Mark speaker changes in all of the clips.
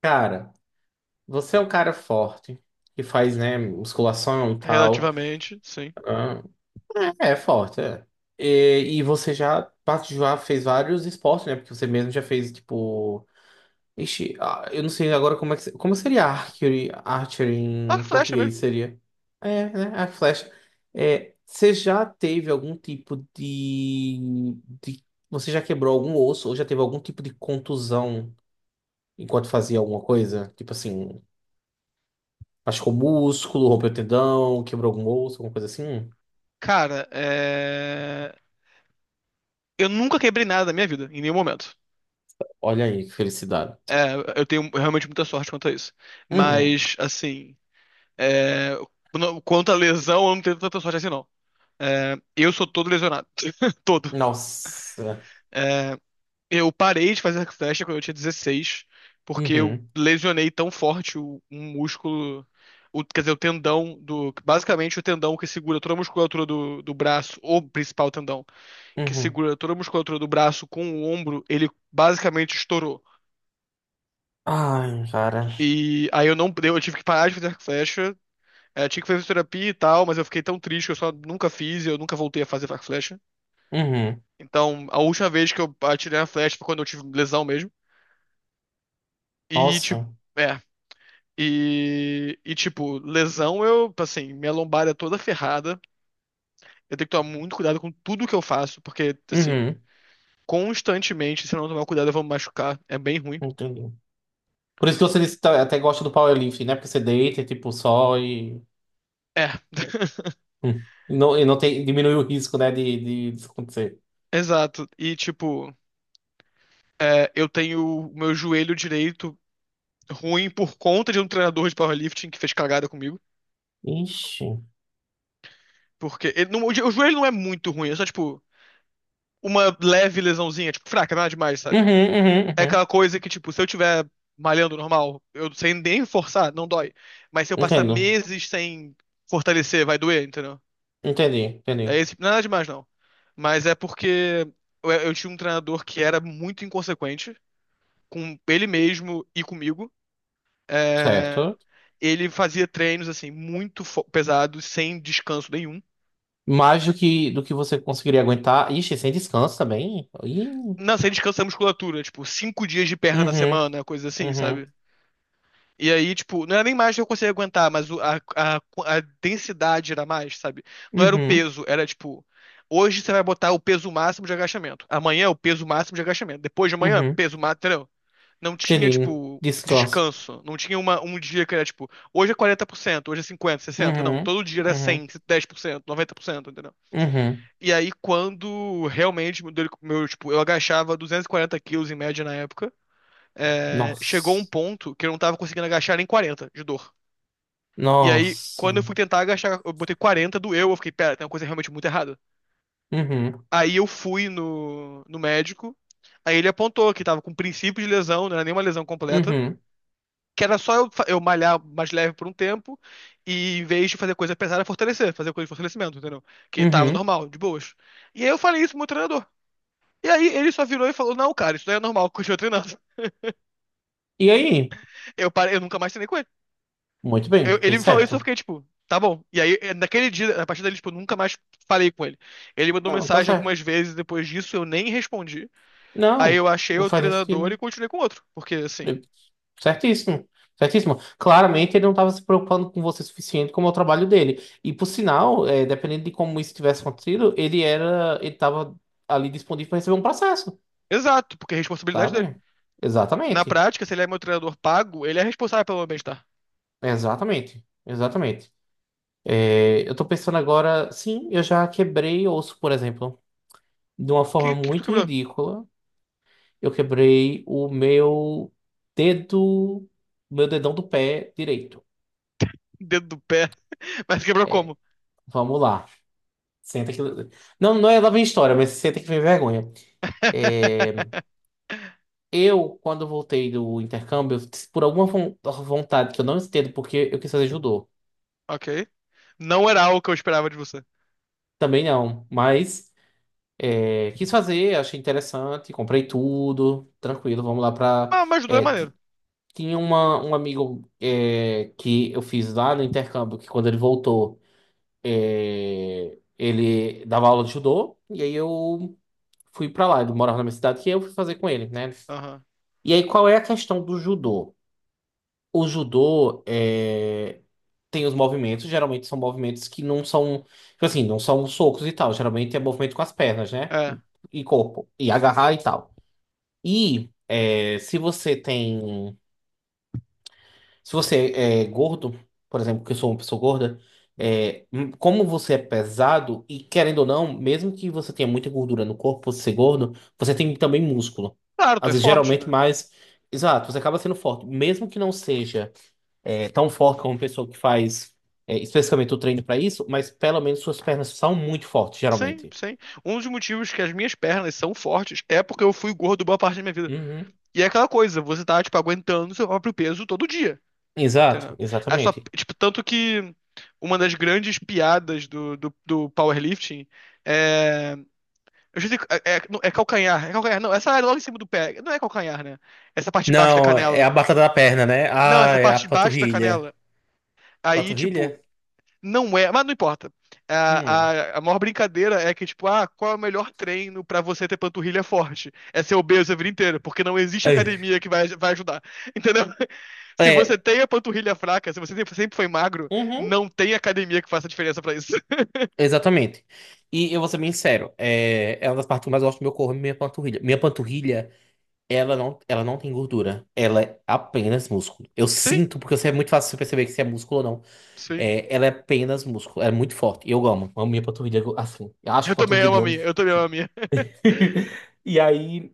Speaker 1: Cara, você é um cara forte, que faz, né, musculação e tal.
Speaker 2: Relativamente, sim.
Speaker 1: Ah, É forte, é. E você já, já fez vários esportes, né? Porque você mesmo já fez, tipo. Ixi, ah, eu não sei agora como é que. Como seria archery, archery
Speaker 2: Arco e
Speaker 1: em
Speaker 2: flecha mesmo.
Speaker 1: português? Seria. É, né? A flecha. É, você já teve algum tipo de, de. Você já quebrou algum osso ou já teve algum tipo de contusão enquanto fazia alguma coisa? Tipo assim. Machucou músculo, rompeu tendão, quebrou algum osso, alguma coisa assim.
Speaker 2: Cara, eu nunca quebrei nada na minha vida, em nenhum momento.
Speaker 1: Olha aí, que felicidade.
Speaker 2: É, eu tenho realmente muita sorte quanto a isso.
Speaker 1: Uhum.
Speaker 2: Mas, assim, é... quanto à lesão, eu não tenho tanta sorte assim, não. É, eu sou todo lesionado. Todo.
Speaker 1: Nossa.
Speaker 2: Eu parei de fazer arco e flecha quando eu tinha 16, porque eu
Speaker 1: Uhum.
Speaker 2: lesionei tão forte um músculo, quer dizer, basicamente o tendão que segura toda a musculatura do braço, o principal tendão, que
Speaker 1: Uhum.
Speaker 2: segura toda a musculatura do braço com o ombro, ele basicamente estourou.
Speaker 1: Ai, cara.
Speaker 2: E aí eu não, eu tive que parar de fazer arco e flecha. É, tinha que fazer terapia e tal, mas eu fiquei tão triste que eu só nunca fiz e eu nunca voltei a fazer arco e flecha.
Speaker 1: Uhum.
Speaker 2: Então, a última vez que eu atirei a flecha foi quando eu tive lesão mesmo. E, tipo,
Speaker 1: Nossa.
Speaker 2: é. E, tipo, lesão eu, assim, minha lombar é toda ferrada. Eu tenho que tomar muito cuidado com tudo que eu faço, porque, assim,
Speaker 1: Uhum.
Speaker 2: constantemente, se eu não tomar cuidado, eu vou me machucar. É bem ruim.
Speaker 1: Entendi. Por isso que você disse que até gosta do powerlifting, né? Porque você deita, tipo, só e. Hum. E não tem, diminui o risco, né, disso acontecer.
Speaker 2: Exato. E, tipo, eu tenho o meu joelho direito ruim por conta de um treinador de powerlifting que fez cagada comigo.
Speaker 1: Ixi. Uhum,
Speaker 2: Porque ele não- o jo- o joelho não é muito ruim, é só, tipo, uma leve lesãozinha, tipo, fraca, nada demais,
Speaker 1: uhum,
Speaker 2: sabe? É
Speaker 1: uhum.
Speaker 2: aquela coisa que, tipo, se eu tiver malhando normal, eu sem nem forçar, não dói. Mas se eu passar
Speaker 1: Entendo.
Speaker 2: meses sem fortalecer, vai doer, entendeu?
Speaker 1: Entendi,
Speaker 2: É
Speaker 1: entendi.
Speaker 2: esse, nada demais, não. Mas é porque eu tinha um treinador que era muito inconsequente com ele mesmo e comigo. É,
Speaker 1: Certo.
Speaker 2: ele fazia treinos, assim, muito pesados, sem descanso nenhum.
Speaker 1: Mais do que você conseguiria aguentar. Ixi, sem descanso também. Ih,
Speaker 2: Não, sem descanso da musculatura, tipo, 5 dias de perna na
Speaker 1: uhum,
Speaker 2: semana, coisa assim,
Speaker 1: uhum,
Speaker 2: sabe? E aí, tipo, não era nem mais que eu conseguia aguentar, mas a densidade era mais, sabe? Não era o
Speaker 1: uhum,
Speaker 2: peso, era tipo, hoje você vai botar o peso máximo de agachamento, amanhã é o peso máximo de agachamento, depois de amanhã,
Speaker 1: uhum.
Speaker 2: peso máximo, entendeu? Não tinha,
Speaker 1: Entendi.
Speaker 2: tipo,
Speaker 1: Descanso.
Speaker 2: descanso, não tinha um dia que era, tipo, hoje é 40%, hoje é 50%, 60%, não,
Speaker 1: Uhum,
Speaker 2: todo dia era
Speaker 1: uhum,
Speaker 2: 100%, 10%, 90%, entendeu?
Speaker 1: uhum.
Speaker 2: E aí, quando realmente tipo, eu agachava 240 quilos em média na época, chegou um
Speaker 1: Nossa.
Speaker 2: ponto que eu não tava conseguindo agachar nem 40 de dor. E aí,
Speaker 1: Nossa.
Speaker 2: quando eu fui tentar agachar, eu botei 40, doeu, eu fiquei, pera, tem uma coisa realmente muito errada.
Speaker 1: Uhum,
Speaker 2: Aí eu fui no médico, aí ele apontou que tava com princípio de lesão, não era nenhuma lesão completa,
Speaker 1: uhum,
Speaker 2: que era só eu malhar mais leve por um tempo e em vez de fazer coisa pesada, fortalecer, fazer coisa de fortalecimento, entendeu? Que tava
Speaker 1: uhum.
Speaker 2: normal, de boas. E aí eu falei isso pro meu treinador. E aí ele só virou e falou, não, cara, isso daí é normal, continua treinando.
Speaker 1: E aí?
Speaker 2: Eu parei, eu nunca mais treinei com ele.
Speaker 1: Muito
Speaker 2: Eu-
Speaker 1: bem,
Speaker 2: ele
Speaker 1: fez
Speaker 2: me falou isso, eu
Speaker 1: certo.
Speaker 2: fiquei, tipo, tá bom. E aí, naquele dia, a partir dali, tipo, eu nunca mais falei com ele. Ele mandou
Speaker 1: Não, tá
Speaker 2: mensagem
Speaker 1: certo.
Speaker 2: algumas vezes, depois disso eu nem respondi. Aí
Speaker 1: Não,
Speaker 2: eu achei
Speaker 1: não
Speaker 2: o
Speaker 1: faz nem
Speaker 2: treinador e
Speaker 1: sentido.
Speaker 2: continuei com outro. Porque, assim,
Speaker 1: Certíssimo. Certíssimo. Claramente ele não estava se preocupando com você o suficiente como é o trabalho dele. E, por sinal, é, dependendo de como isso tivesse acontecido, ele era, ele estava ali disponível para receber um processo,
Speaker 2: exato, porque é responsabilidade dele.
Speaker 1: sabe?
Speaker 2: Na
Speaker 1: Exatamente.
Speaker 2: prática, se ele é meu treinador pago, ele é responsável pelo meu bem-estar.
Speaker 1: Exatamente. Exatamente. É, eu tô pensando agora, sim, eu já quebrei osso, por exemplo, de uma
Speaker 2: O
Speaker 1: forma
Speaker 2: que, que tu
Speaker 1: muito
Speaker 2: quebrou?
Speaker 1: ridícula. Eu quebrei o meu dedo, meu dedão do pé direito.
Speaker 2: Dedo do pé. Mas quebrou
Speaker 1: É,
Speaker 2: como?
Speaker 1: vamos lá. Senta que. Não, não é lá vem história, mas senta que vem vergonha. É, eu, quando voltei do intercâmbio, por alguma vontade que eu não entendo, porque eu quis fazer judô.
Speaker 2: Ok. Não era algo que eu esperava de você.
Speaker 1: Também não, mas é, quis fazer, achei interessante, comprei tudo, tranquilo, vamos lá pra.
Speaker 2: Ah, mas ajudou, é
Speaker 1: é,
Speaker 2: maneiro.
Speaker 1: t- Tinha uma, um amigo é, que eu fiz lá no intercâmbio, que quando ele voltou, é, ele dava aula de judô, e aí eu fui pra lá, ele morava na minha cidade, que eu fui fazer com ele, né?
Speaker 2: Aham.
Speaker 1: E aí, qual é a questão do judô? O judô é, tem os movimentos, geralmente são movimentos que não são, tipo assim, não são socos e tal. Geralmente é movimento com as pernas, né?
Speaker 2: É.
Speaker 1: E corpo, e agarrar e tal. E é, se você tem, se você é gordo, por exemplo, que eu sou uma pessoa gorda, é, como você é pesado, e querendo ou não, mesmo que você tenha muita gordura no corpo, por você ser gordo, você tem também músculo.
Speaker 2: Claro, tu
Speaker 1: Às
Speaker 2: é
Speaker 1: vezes,
Speaker 2: forte,
Speaker 1: geralmente
Speaker 2: né?
Speaker 1: mais. Exato, você acaba sendo forte, mesmo que não seja. É tão forte como uma pessoa que faz é, especificamente o treino para isso, mas pelo menos suas pernas são muito fortes,
Speaker 2: Sim,
Speaker 1: geralmente.
Speaker 2: sim. Um dos motivos que as minhas pernas são fortes é porque eu fui gordo boa parte da minha vida.
Speaker 1: Uhum.
Speaker 2: E é aquela coisa, você tá, tipo, aguentando seu próprio peso todo dia,
Speaker 1: Exato,
Speaker 2: entendeu? É só,
Speaker 1: exatamente.
Speaker 2: tipo, tanto que uma das grandes piadas do powerlifting é... Eu já sei, não, é calcanhar, não, essa área logo em cima do pé, não é calcanhar, né? Essa parte de baixo da
Speaker 1: Não, é a
Speaker 2: canela.
Speaker 1: batata da perna, né?
Speaker 2: Não,
Speaker 1: Ah,
Speaker 2: essa
Speaker 1: é a
Speaker 2: parte de baixo da
Speaker 1: panturrilha.
Speaker 2: canela. Aí, tipo,
Speaker 1: Panturrilha?
Speaker 2: não é, mas não importa.
Speaker 1: Hum.
Speaker 2: A maior brincadeira é que, tipo, ah, qual é o melhor treino pra você ter panturrilha forte? É ser obeso a vida inteira, porque não existe
Speaker 1: É,
Speaker 2: academia que vai ajudar. Entendeu? Se você
Speaker 1: é,
Speaker 2: tem a panturrilha fraca, se você sempre sempre foi magro,
Speaker 1: uhum.
Speaker 2: não tem academia que faça diferença pra isso.
Speaker 1: Exatamente. E eu vou ser bem sincero, é, é uma das partes que eu mais gosto do meu corpo, é minha panturrilha. Minha panturrilha, ela não tem gordura. Ela é apenas músculo. Eu
Speaker 2: Sim,
Speaker 1: sinto, porque você é muito fácil você perceber que se é músculo ou não.
Speaker 2: sim.
Speaker 1: É, ela é apenas músculo, é muito forte. Eu amo, amo minha panturrilha assim. Eu acho
Speaker 2: Eu
Speaker 1: que
Speaker 2: também
Speaker 1: panturrilha
Speaker 2: amo
Speaker 1: de
Speaker 2: a minha,
Speaker 1: homem.
Speaker 2: eu também amo
Speaker 1: Assim.
Speaker 2: a minha.
Speaker 1: E aí,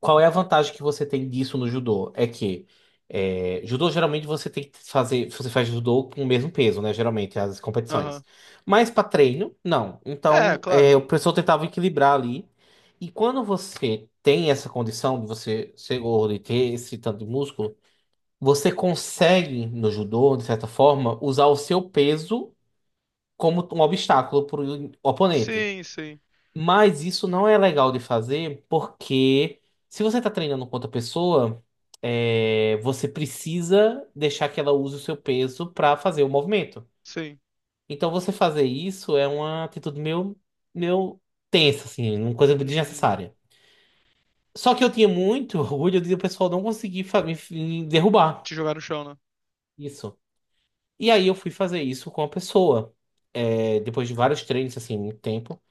Speaker 1: qual é a vantagem que você tem disso no judô? É que é, judô geralmente você tem que fazer, você faz judô com o mesmo peso, né? Geralmente as competições.
Speaker 2: Aham.
Speaker 1: Mas para treino, não.
Speaker 2: É,
Speaker 1: Então,
Speaker 2: claro.
Speaker 1: é, o professor tentava equilibrar ali. E quando você tem essa condição de você ser gordo e ter esse tanto de músculo, você consegue no judô, de certa forma, usar o seu peso como um obstáculo para o oponente.
Speaker 2: Sim, sim,
Speaker 1: Mas isso não é legal de fazer porque se você está treinando com outra pessoa, é, você precisa deixar que ela use o seu peso para fazer o movimento.
Speaker 2: sim.
Speaker 1: Então você fazer isso é uma atitude meio, meio tensa, assim, uma coisa
Speaker 2: Uhum.
Speaker 1: desnecessária. Só que eu tinha muito orgulho de o pessoal não conseguir me derrubar
Speaker 2: Te jogar no chão, né?
Speaker 1: isso. E aí eu fui fazer isso com a pessoa. É, depois de vários treinos, assim, muito tempo.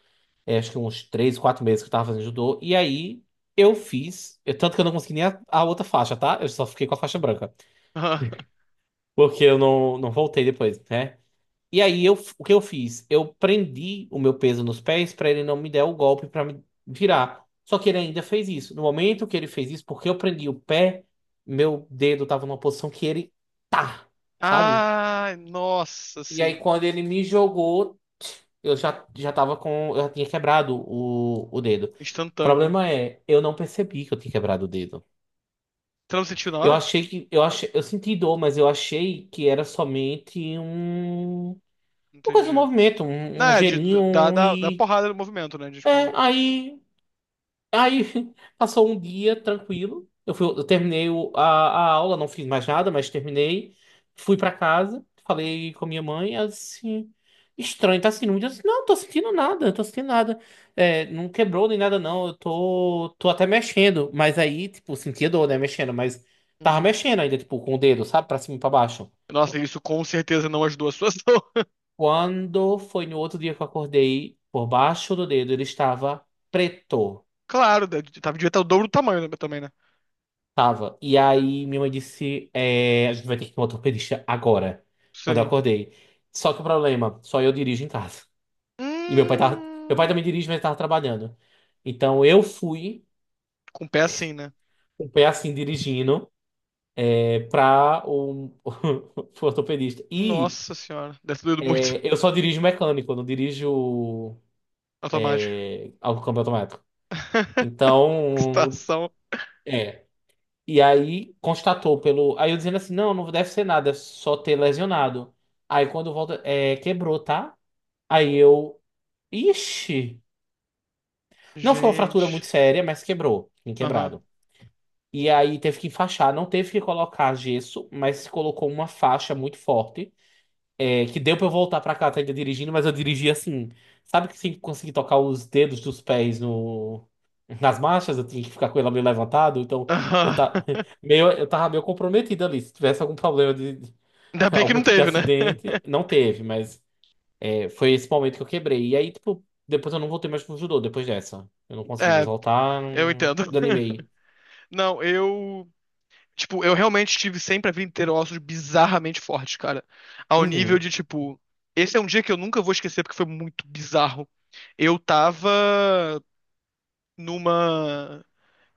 Speaker 1: É, acho que uns 3, 4 meses que eu tava fazendo judô. E aí eu fiz. Tanto que eu não consegui nem a outra faixa, tá? Eu só fiquei com a faixa branca. Porque eu não, não voltei depois, né? E aí eu, o que eu fiz? Eu prendi o meu peso nos pés pra ele não me der o golpe pra me virar. Só que ele ainda fez isso. No momento que ele fez isso, porque eu prendi o pé, meu dedo tava numa posição que ele tá, sabe?
Speaker 2: Ah, nossa,
Speaker 1: E aí
Speaker 2: sim.
Speaker 1: quando ele me jogou, eu já, já tava com. Eu já tinha quebrado o dedo. O
Speaker 2: Instantâneo, né?
Speaker 1: problema é, eu não percebi que eu tinha quebrado o dedo.
Speaker 2: Você não sentiu na
Speaker 1: Eu
Speaker 2: hora?
Speaker 1: achei que. Eu achei, eu senti dor, mas eu achei que era somente um. Uma coisa, um
Speaker 2: Entendi.
Speaker 1: movimento,
Speaker 2: Não,
Speaker 1: um
Speaker 2: é, de,
Speaker 1: gelinho
Speaker 2: da,
Speaker 1: um,
Speaker 2: da, da
Speaker 1: e.
Speaker 2: porrada no movimento, né? De,
Speaker 1: É,
Speaker 2: tipo.
Speaker 1: aí. Aí passou um dia tranquilo. Eu fui, eu terminei a aula, não fiz mais nada, mas terminei. Fui pra casa, falei com a minha mãe, ela disse assim, estranho, tá sentindo muito? Eu disse, não, tô sentindo nada, tô sentindo nada. É, não quebrou nem nada, não. Eu tô, tô até mexendo. Mas aí, tipo, sentia dor, né? Mexendo, mas tava
Speaker 2: Uhum.
Speaker 1: mexendo ainda, tipo, com o dedo, sabe? Pra cima e pra baixo.
Speaker 2: Nossa, isso com certeza não ajudou a situação.
Speaker 1: Quando foi no outro dia que eu acordei, por baixo do dedo, ele estava preto.
Speaker 2: Claro, né, de- tava devia estar o dobro do tamanho né, também, né?
Speaker 1: Tava. E aí minha mãe disse: é, a gente vai ter que ir com o ortopedista agora, quando eu
Speaker 2: Sim.
Speaker 1: acordei. Só que o problema, só eu dirijo em casa. E meu pai tava, meu pai
Speaker 2: Hum,
Speaker 1: também dirige, mas tava trabalhando. Então eu fui,
Speaker 2: com o pé assim, né?
Speaker 1: com o pé assim, dirigindo, é, pra o, pro ortopedista. E
Speaker 2: Nossa senhora, deve ter doído muito.
Speaker 1: é, eu só dirijo mecânico, eu não dirijo
Speaker 2: Automático.
Speaker 1: é, ao câmbio automático.
Speaker 2: Que
Speaker 1: Então,
Speaker 2: situação.
Speaker 1: é, e aí constatou pelo. Aí eu dizendo assim: não, não deve ser nada, é só ter lesionado. Aí quando volta, é, quebrou, tá? Aí eu. Ixi! Não foi uma fratura
Speaker 2: Gente.
Speaker 1: muito séria, mas quebrou. Tem
Speaker 2: Aham.
Speaker 1: quebrado. E aí teve que enfaixar, não teve que colocar gesso, mas colocou uma faixa muito forte é, que deu pra eu voltar pra casa ainda dirigindo, mas eu dirigi assim. Sabe que sem conseguir tocar os dedos dos pés no, nas marchas, eu tinha que ficar com ela meio levantado, então eu,
Speaker 2: Aham.
Speaker 1: tá, meio, eu tava meio comprometido ali. Se tivesse algum problema
Speaker 2: Ainda bem que
Speaker 1: algum
Speaker 2: não
Speaker 1: tipo de
Speaker 2: teve, né?
Speaker 1: acidente, não teve, mas é, foi esse momento que eu quebrei. E aí, tipo, depois eu não voltei mais pro judô depois dessa. Eu não consegui mais
Speaker 2: É,
Speaker 1: voltar,
Speaker 2: eu
Speaker 1: não
Speaker 2: entendo.
Speaker 1: desanimei.
Speaker 2: Não, eu. Tipo, eu realmente tive sempre a vida inteira ossos bizarramente fortes, cara. Ao nível
Speaker 1: Uhum.
Speaker 2: de, tipo, esse é um dia que eu nunca vou esquecer porque foi muito bizarro. Eu tava numa.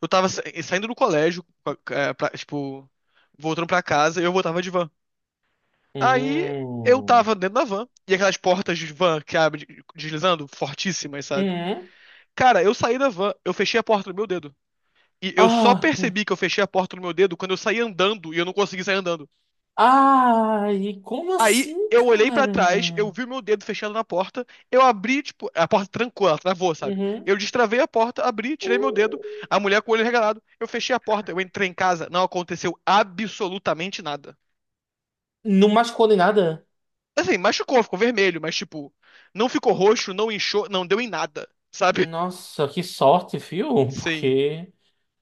Speaker 2: Eu tava saindo do colégio, tipo, voltando pra casa, e eu voltava de van. Aí eu
Speaker 1: Hum.
Speaker 2: tava dentro da van, e aquelas portas de van que abre deslizando, fortíssimas, sabe?
Speaker 1: Uhum.
Speaker 2: Cara, eu saí da van, eu fechei a porta no meu dedo. E eu só
Speaker 1: Ah! Hum.
Speaker 2: percebi que eu fechei a porta no meu dedo quando eu saí andando e eu não consegui sair andando.
Speaker 1: Ai, como
Speaker 2: Aí
Speaker 1: assim,
Speaker 2: eu olhei pra trás, eu
Speaker 1: cara?
Speaker 2: vi meu dedo fechado na porta, eu abri, tipo, a porta trancou, ela travou, sabe?
Speaker 1: Uhum.
Speaker 2: Eu destravei a porta, abri, tirei meu dedo,
Speaker 1: Hum.
Speaker 2: a mulher com o olho regalado, eu fechei a porta, eu entrei em casa, não aconteceu absolutamente nada.
Speaker 1: Não machucou nem nada?
Speaker 2: Assim, machucou, ficou vermelho, mas tipo, não ficou roxo, não inchou, não deu em nada, sabe?
Speaker 1: Nossa, que sorte, viu?
Speaker 2: Sim.
Speaker 1: Porque.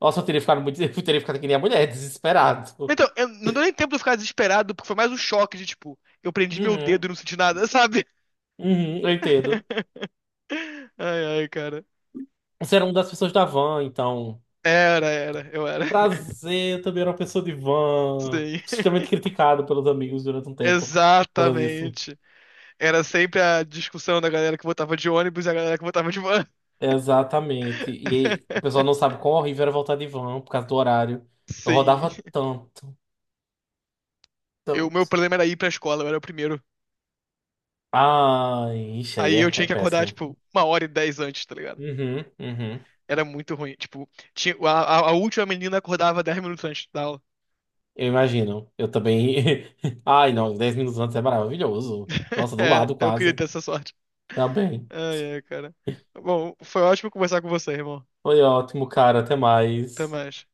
Speaker 1: Nossa, eu teria ficado muito. Eu teria ficado que nem a mulher, desesperado.
Speaker 2: Então, não deu nem tempo de eu ficar desesperado, porque foi mais um choque de tipo, eu prendi meu dedo
Speaker 1: Uhum.
Speaker 2: e não senti nada, sabe?
Speaker 1: Uhum, eu entendo.
Speaker 2: Ai, ai, cara.
Speaker 1: Você era uma das pessoas da van, então.
Speaker 2: Era, era, eu era.
Speaker 1: Prazer, eu também era uma pessoa de van.
Speaker 2: Sim.
Speaker 1: Extremamente criticado pelos amigos durante um tempo por causa disso.
Speaker 2: Exatamente. Era sempre a discussão da galera que votava de ônibus e a galera que votava de van.
Speaker 1: Exatamente. E o pessoal não sabe quão horrível era voltar de van por causa do horário. Eu
Speaker 2: Sim.
Speaker 1: rodava tanto.
Speaker 2: Meu
Speaker 1: Tanto.
Speaker 2: problema era ir pra escola, eu era o primeiro.
Speaker 1: Ai, ixi, aí
Speaker 2: Aí eu
Speaker 1: é,
Speaker 2: tinha
Speaker 1: é
Speaker 2: que acordar,
Speaker 1: péssimo.
Speaker 2: tipo, uma hora e dez antes, tá ligado?
Speaker 1: Uhum, uhum.
Speaker 2: Era muito ruim. Tipo, a última menina acordava 10 minutos antes da aula.
Speaker 1: Eu imagino. Eu também. Ai, não, 10 minutos antes é maravilhoso. Nossa, do
Speaker 2: É,
Speaker 1: lado
Speaker 2: eu queria
Speaker 1: quase.
Speaker 2: ter essa sorte.
Speaker 1: Tá bem.
Speaker 2: Ai, ai, cara. Bom, foi ótimo conversar com você, irmão.
Speaker 1: Foi ótimo, cara. Até
Speaker 2: Até
Speaker 1: mais.
Speaker 2: mais.